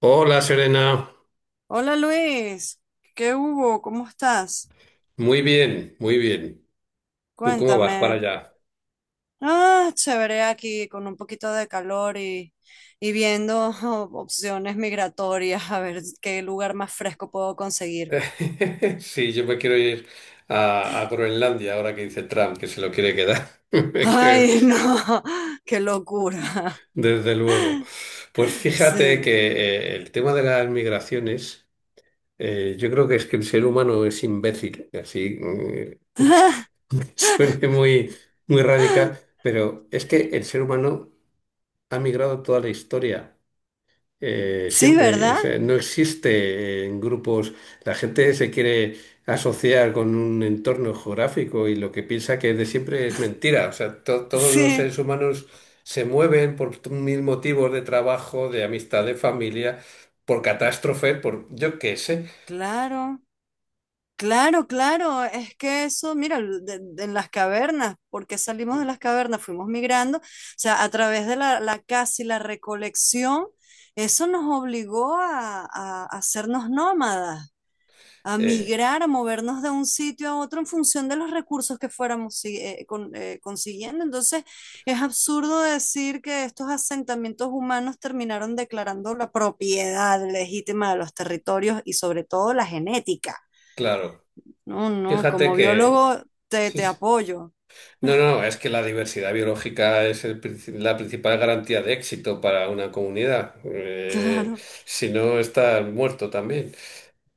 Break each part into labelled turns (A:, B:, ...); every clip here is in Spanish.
A: Hola Serena,
B: Hola Luis, ¿qué hubo? ¿Cómo estás?
A: muy bien, muy bien. ¿Tú cómo vas
B: Cuéntame.
A: para allá?
B: Ah, chévere aquí con un poquito de calor y viendo opciones migratorias, a ver qué lugar más fresco puedo conseguir.
A: Sí, yo me quiero ir a Groenlandia ahora que dice Trump que se lo quiere quedar. Me quiero ir,
B: Ay, no, qué locura.
A: desde luego. Pues fíjate
B: Sí.
A: que el tema de las migraciones, yo creo que es que el ser humano es imbécil, así aunque suene muy, muy radical, pero es que el ser humano ha migrado toda la historia. eh,
B: Sí,
A: siempre. O
B: ¿verdad?
A: sea, no existe en grupos, la gente se quiere asociar con un entorno geográfico y lo que piensa que es de siempre es mentira. O sea, todos los
B: Sí,
A: seres humanos se mueven por mil motivos de trabajo, de amistad, de familia, por catástrofe, por yo qué sé.
B: claro. Claro, claro, es que eso, mira, en las cavernas, ¿porque salimos de las cavernas? Fuimos migrando, o sea, a través de la caza y la recolección, eso nos obligó a, a hacernos nómadas, a
A: Eh,
B: migrar, a movernos de un sitio a otro en función de los recursos que fuéramos consiguiendo. Entonces, es absurdo decir que estos asentamientos humanos terminaron declarando la propiedad legítima de los territorios y sobre todo la genética.
A: claro,
B: No, no,
A: fíjate
B: como
A: que.
B: biólogo te,
A: Sí,
B: te
A: sí.
B: apoyo.
A: No, no, es que la diversidad biológica es el la principal garantía de éxito para una comunidad. Eh,
B: Claro,
A: si no, estás muerto también.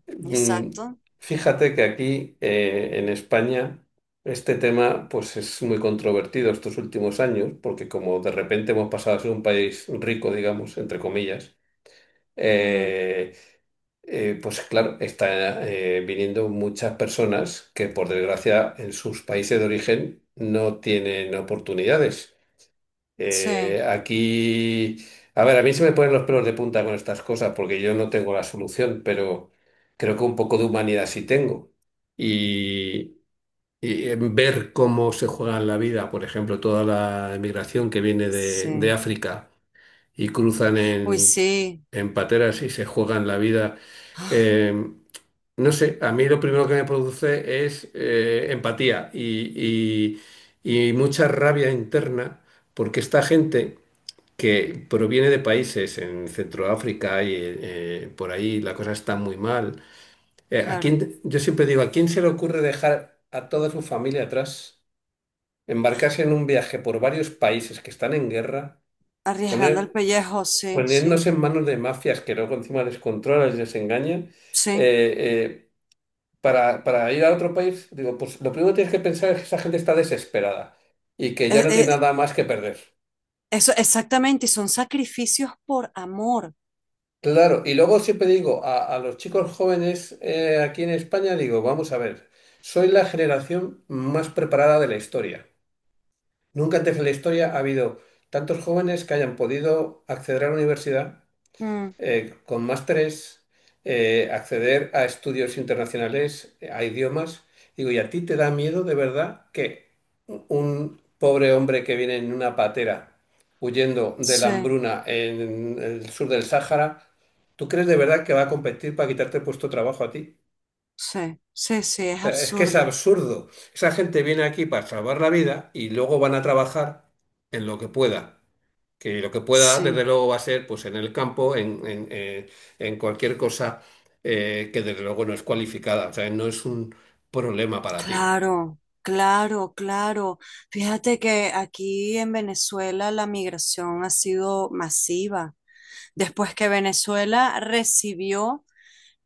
A: Mm,
B: exacto.
A: fíjate que aquí, en España, este tema pues es muy controvertido estos últimos años, porque como de repente hemos pasado a ser un país rico, digamos, entre comillas,
B: Mm,
A: eh, pues claro, está viniendo muchas personas que por desgracia en sus países de origen no tienen oportunidades.
B: sí,
A: Aquí, a ver, a mí se me ponen los pelos de punta con estas cosas porque yo no tengo la solución, pero creo que un poco de humanidad sí tengo. Y, y ver cómo se juegan la vida, por ejemplo, toda la emigración que viene de
B: sí.
A: África y cruzan
B: Uy,
A: en,
B: sí,
A: en pateras y se juegan la vida. eh, no sé, a mí lo primero que me produce es empatía y mucha rabia interna, porque esta gente que proviene de países en Centroáfrica y por ahí la cosa está muy mal,
B: claro.
A: yo siempre digo, ¿a quién se le ocurre dejar a toda su familia atrás, embarcarse en un viaje por varios países que están en guerra,
B: Arriesgando el
A: poner,
B: pellejo, sí,
A: ponernos
B: sí,
A: en manos de mafias que luego encima les controlan y les engañan?
B: sí.
A: Eh, eh, para ir a otro país, digo, pues lo primero que tienes que pensar es que esa gente está desesperada y que ya
B: Eh,
A: no tiene
B: eh,
A: nada más que perder.
B: eso exactamente, y son sacrificios por amor.
A: Claro, y luego siempre digo a los chicos jóvenes aquí en España, digo, vamos a ver, soy la generación más preparada de la historia. Nunca antes en la historia ha habido tantos jóvenes que hayan podido acceder a la universidad
B: Mm,
A: con másteres, acceder a estudios internacionales, a idiomas. Digo, ¿y a ti te da miedo de verdad que un pobre hombre que viene en una patera huyendo de la
B: sí,
A: hambruna en el sur del Sáhara, ¿tú crees de verdad que va a competir para quitarte el puesto de trabajo a ti?
B: sí, sí, sí, es
A: Sea, es que es
B: absurdo.
A: absurdo. Esa gente viene aquí para salvar la vida y luego van a trabajar en lo que pueda. Que lo que pueda, desde
B: Sí.
A: luego, va a ser pues en el campo, en cualquier cosa que desde luego no es cualificada. O sea, no es un problema para ti.
B: Claro, claro, claro. Fíjate que aquí en Venezuela la migración ha sido masiva. Después que Venezuela recibió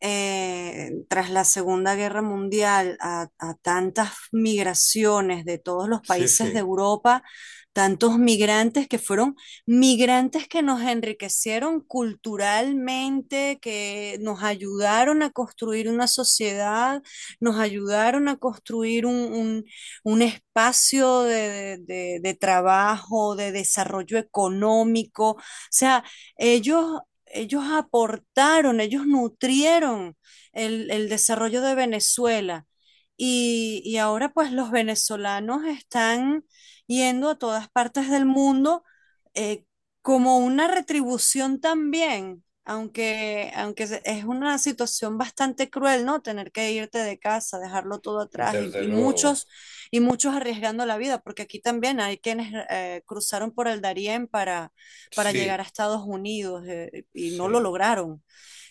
B: tras la Segunda Guerra Mundial a tantas migraciones de todos los
A: Sí,
B: países de
A: sí,
B: Europa, tantos migrantes que fueron migrantes que nos enriquecieron culturalmente, que nos ayudaron a construir una sociedad, nos ayudaron a construir un espacio de, de trabajo, de desarrollo económico. O sea, ellos ellos aportaron, ellos nutrieron el desarrollo de Venezuela. Y ahora pues los venezolanos están yendo a todas partes del mundo eh, como una retribución también, aunque, es una situación bastante cruel, ¿no? Tener que irte de casa, dejarlo todo atrás y,
A: desde
B: y
A: luego.
B: muchos, y muchos arriesgando la vida, porque aquí también hay quienes cruzaron por el Darién para llegar a
A: Sí,
B: Estados Unidos y no lo
A: sí.
B: lograron.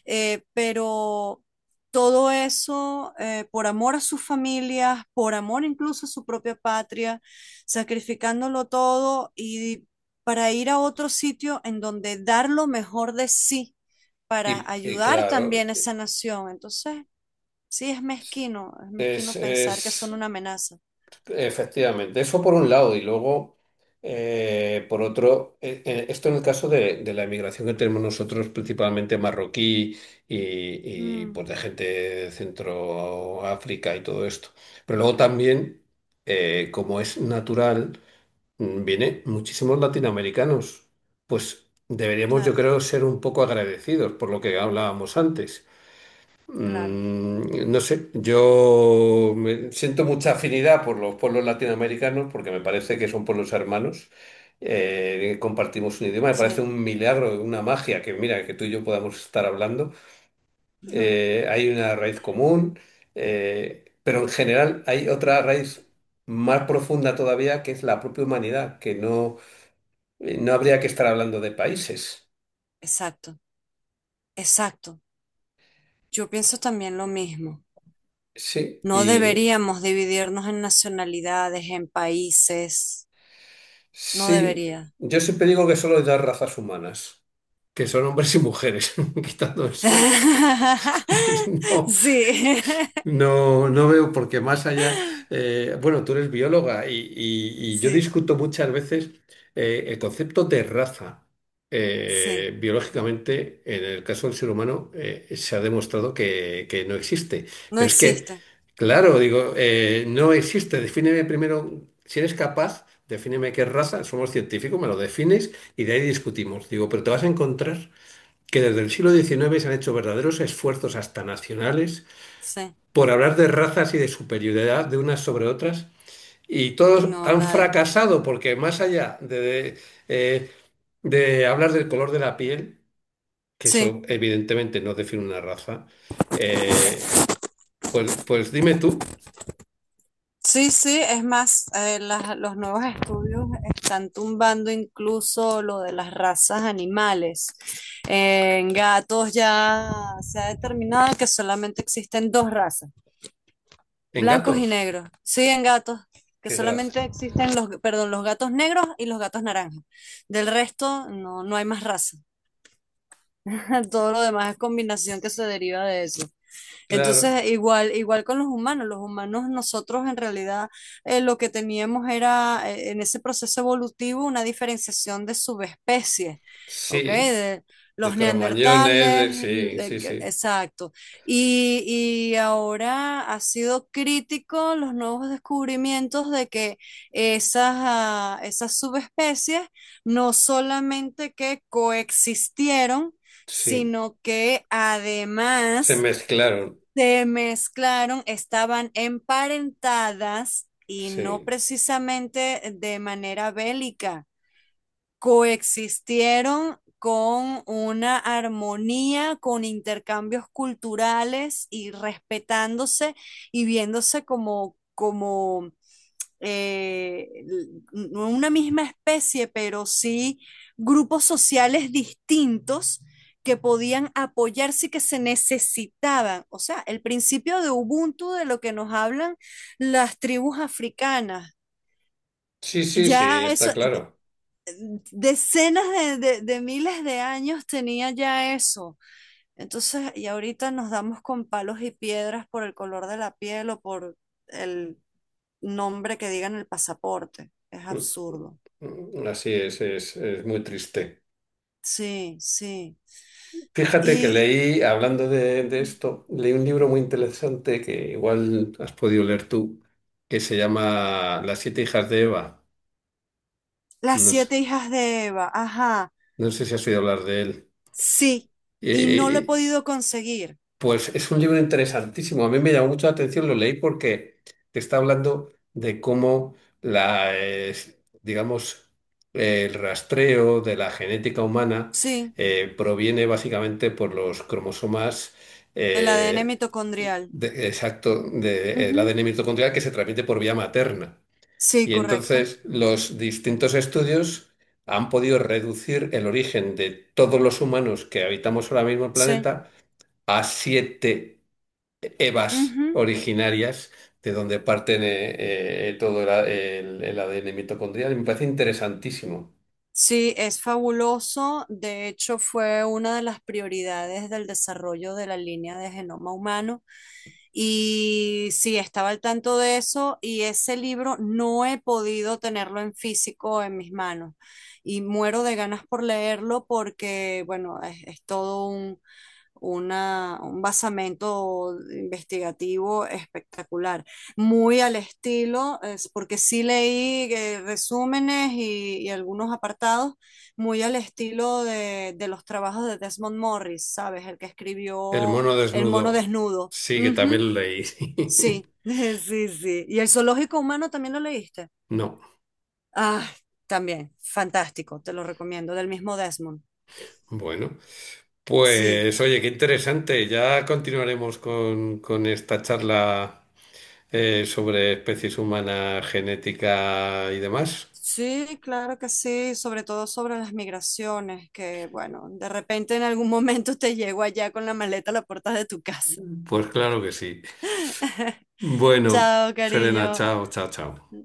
B: Pero todo eso, por amor a sus familias, por amor incluso a su propia patria, sacrificándolo todo y para ir a otro sitio en donde dar lo mejor de sí, para
A: Y
B: ayudar
A: claro,
B: también a esa nación. Entonces, sí, es mezquino pensar que son
A: es
B: una amenaza.
A: efectivamente, eso por un lado y luego, por otro, esto en el caso de la emigración que tenemos nosotros, principalmente marroquí y,
B: Mm,
A: pues de gente de Centro África y todo esto. Pero luego también, como es natural, viene muchísimos latinoamericanos. Pues deberíamos, yo
B: claro,
A: creo, ser un poco agradecidos por lo que hablábamos antes.
B: claro,
A: No sé, siento mucha afinidad por los pueblos latinoamericanos porque me parece que son pueblos hermanos, compartimos un idioma, me parece
B: sí.
A: un milagro, una magia que mira, que tú y yo podamos estar hablando.
B: Ujú.
A: Hay una raíz común, pero en general hay otra raíz más profunda todavía que es la propia humanidad, que no, no habría que estar hablando de países.
B: Exacto, exacto. Yo pienso también lo mismo.
A: Sí,
B: No
A: y.
B: deberíamos dividirnos en nacionalidades, en países. No
A: Sí,
B: debería.
A: yo siempre digo que solo hay dos razas humanas, que son hombres y mujeres, quitando eso. No.
B: Sí,
A: No, no veo porque más allá, bueno, tú eres bióloga y, y yo
B: sí,
A: discuto muchas veces el concepto de raza.
B: sí.
A: Biológicamente, en el caso del ser humano, se ha demostrado que, no existe.
B: No
A: Pero es que,
B: existe.
A: claro, digo, no existe. Defíneme primero, si eres capaz, defíneme qué raza, somos científicos, me lo defines y de ahí discutimos. Digo, pero te vas a encontrar que desde el siglo XIX se han hecho verdaderos esfuerzos hasta nacionales
B: Sí.
A: por hablar de razas y de superioridad de unas sobre otras. Y
B: Y
A: todos
B: no
A: han
B: la hay.
A: fracasado porque más allá de, eh, de hablar del color de la piel, que
B: Sí,
A: eso evidentemente no define una raza, eh, pues, dime tú,
B: sí, sí. Es más, los nuevos estudios están tumbando incluso lo de las razas animales. En gatos ya se ha determinado que solamente existen dos razas.
A: en
B: Blancos y
A: gatos,
B: negros. Siguen gatos, que
A: qué gracia.
B: solamente existen los, perdón, los gatos negros y los gatos naranjas. Del resto, no, no hay más raza. Todo lo demás es combinación que se deriva de eso.
A: Claro,
B: Entonces, igual, igual con los humanos nosotros en realidad lo que teníamos era en ese proceso evolutivo una diferenciación de subespecies, ¿ok?
A: sí,
B: De
A: de
B: los
A: cromañones,
B: neandertales,
A: sí, sí, sí,
B: exacto. Y, y ahora ha sido crítico los nuevos descubrimientos de que esas, esas subespecies no solamente que coexistieron,
A: sí,
B: sino que
A: se
B: además
A: mezclaron,
B: se mezclaron, estaban emparentadas y no
A: sí,
B: precisamente de manera bélica. Coexistieron con una armonía, con intercambios culturales y respetándose y viéndose como, como eh, no una misma especie, pero sí grupos sociales distintos que podían apoyarse y que se necesitaban. O sea, el principio de Ubuntu de lo que nos hablan las tribus africanas.
A: sí, sí, sí,
B: Ya eso,
A: está claro.
B: decenas de miles de años tenía ya eso. Entonces, y ahorita nos damos con palos y piedras por el color de la piel o por el nombre que diga en el pasaporte. Es
A: Mm,
B: absurdo.
A: Así es, muy triste.
B: Sí, sí.
A: Fíjate que
B: Y
A: leí, hablando de esto, leí un libro muy interesante que igual has podido leer tú, que se llama Las siete hijas de Eva.
B: las
A: No sé,
B: siete hijas de Eva, ajá,
A: si has oído hablar de él.
B: sí.
A: Eh,
B: Y no
A: eh,
B: lo he
A: eh,
B: podido conseguir.
A: Pues es un libro interesantísimo. A mí me llamó mucho la atención, lo leí porque te está hablando de cómo la, eh, digamos, el rastreo de la genética humana
B: Sí,
A: proviene básicamente por los cromosomas
B: el ADN
A: eh,
B: mitocondrial.
A: exacto del
B: Ujú.
A: ADN mitocondrial que se transmite por vía materna.
B: Sí,
A: Y
B: correcto.
A: entonces los distintos estudios han podido reducir el origen de todos los humanos que habitamos ahora mismo el
B: Sí.
A: planeta a siete evas
B: Ujú.
A: originarias de donde parten todo el, a- el- el ADN mitocondrial. Y me parece interesantísimo.
B: Sí, es fabuloso. De hecho, fue una de las prioridades del desarrollo de la línea de genoma humano. Y sí, estaba al tanto de eso y ese libro no he podido tenerlo en físico en mis manos. Y muero de ganas por leerlo porque, bueno, es todo una, un basamento investigativo espectacular, muy al estilo, es porque sí leí resúmenes y algunos apartados, muy al estilo de los trabajos de Desmond Morris, ¿sabes? El que
A: El
B: escribió
A: mono
B: El mono
A: desnudo,
B: desnudo.
A: sí, que
B: Ujú.
A: también lo leí.
B: Sí, sí, sí. ¿Y el zoológico humano también lo leíste?
A: No,
B: Ah, también, fantástico, te lo recomiendo, del mismo Desmond.
A: bueno.
B: Sí.
A: Pues oye, qué interesante. Ya continuaremos con esta charla sobre especies humanas, genética y demás.
B: Sí, claro que sí, sobre todo sobre las migraciones, que bueno, de repente en algún momento te llego allá con la maleta a la puerta de tu casa.
A: Pues claro que sí. Bueno,
B: Chao,
A: Serena,
B: cariño.
A: chao, chao, chao.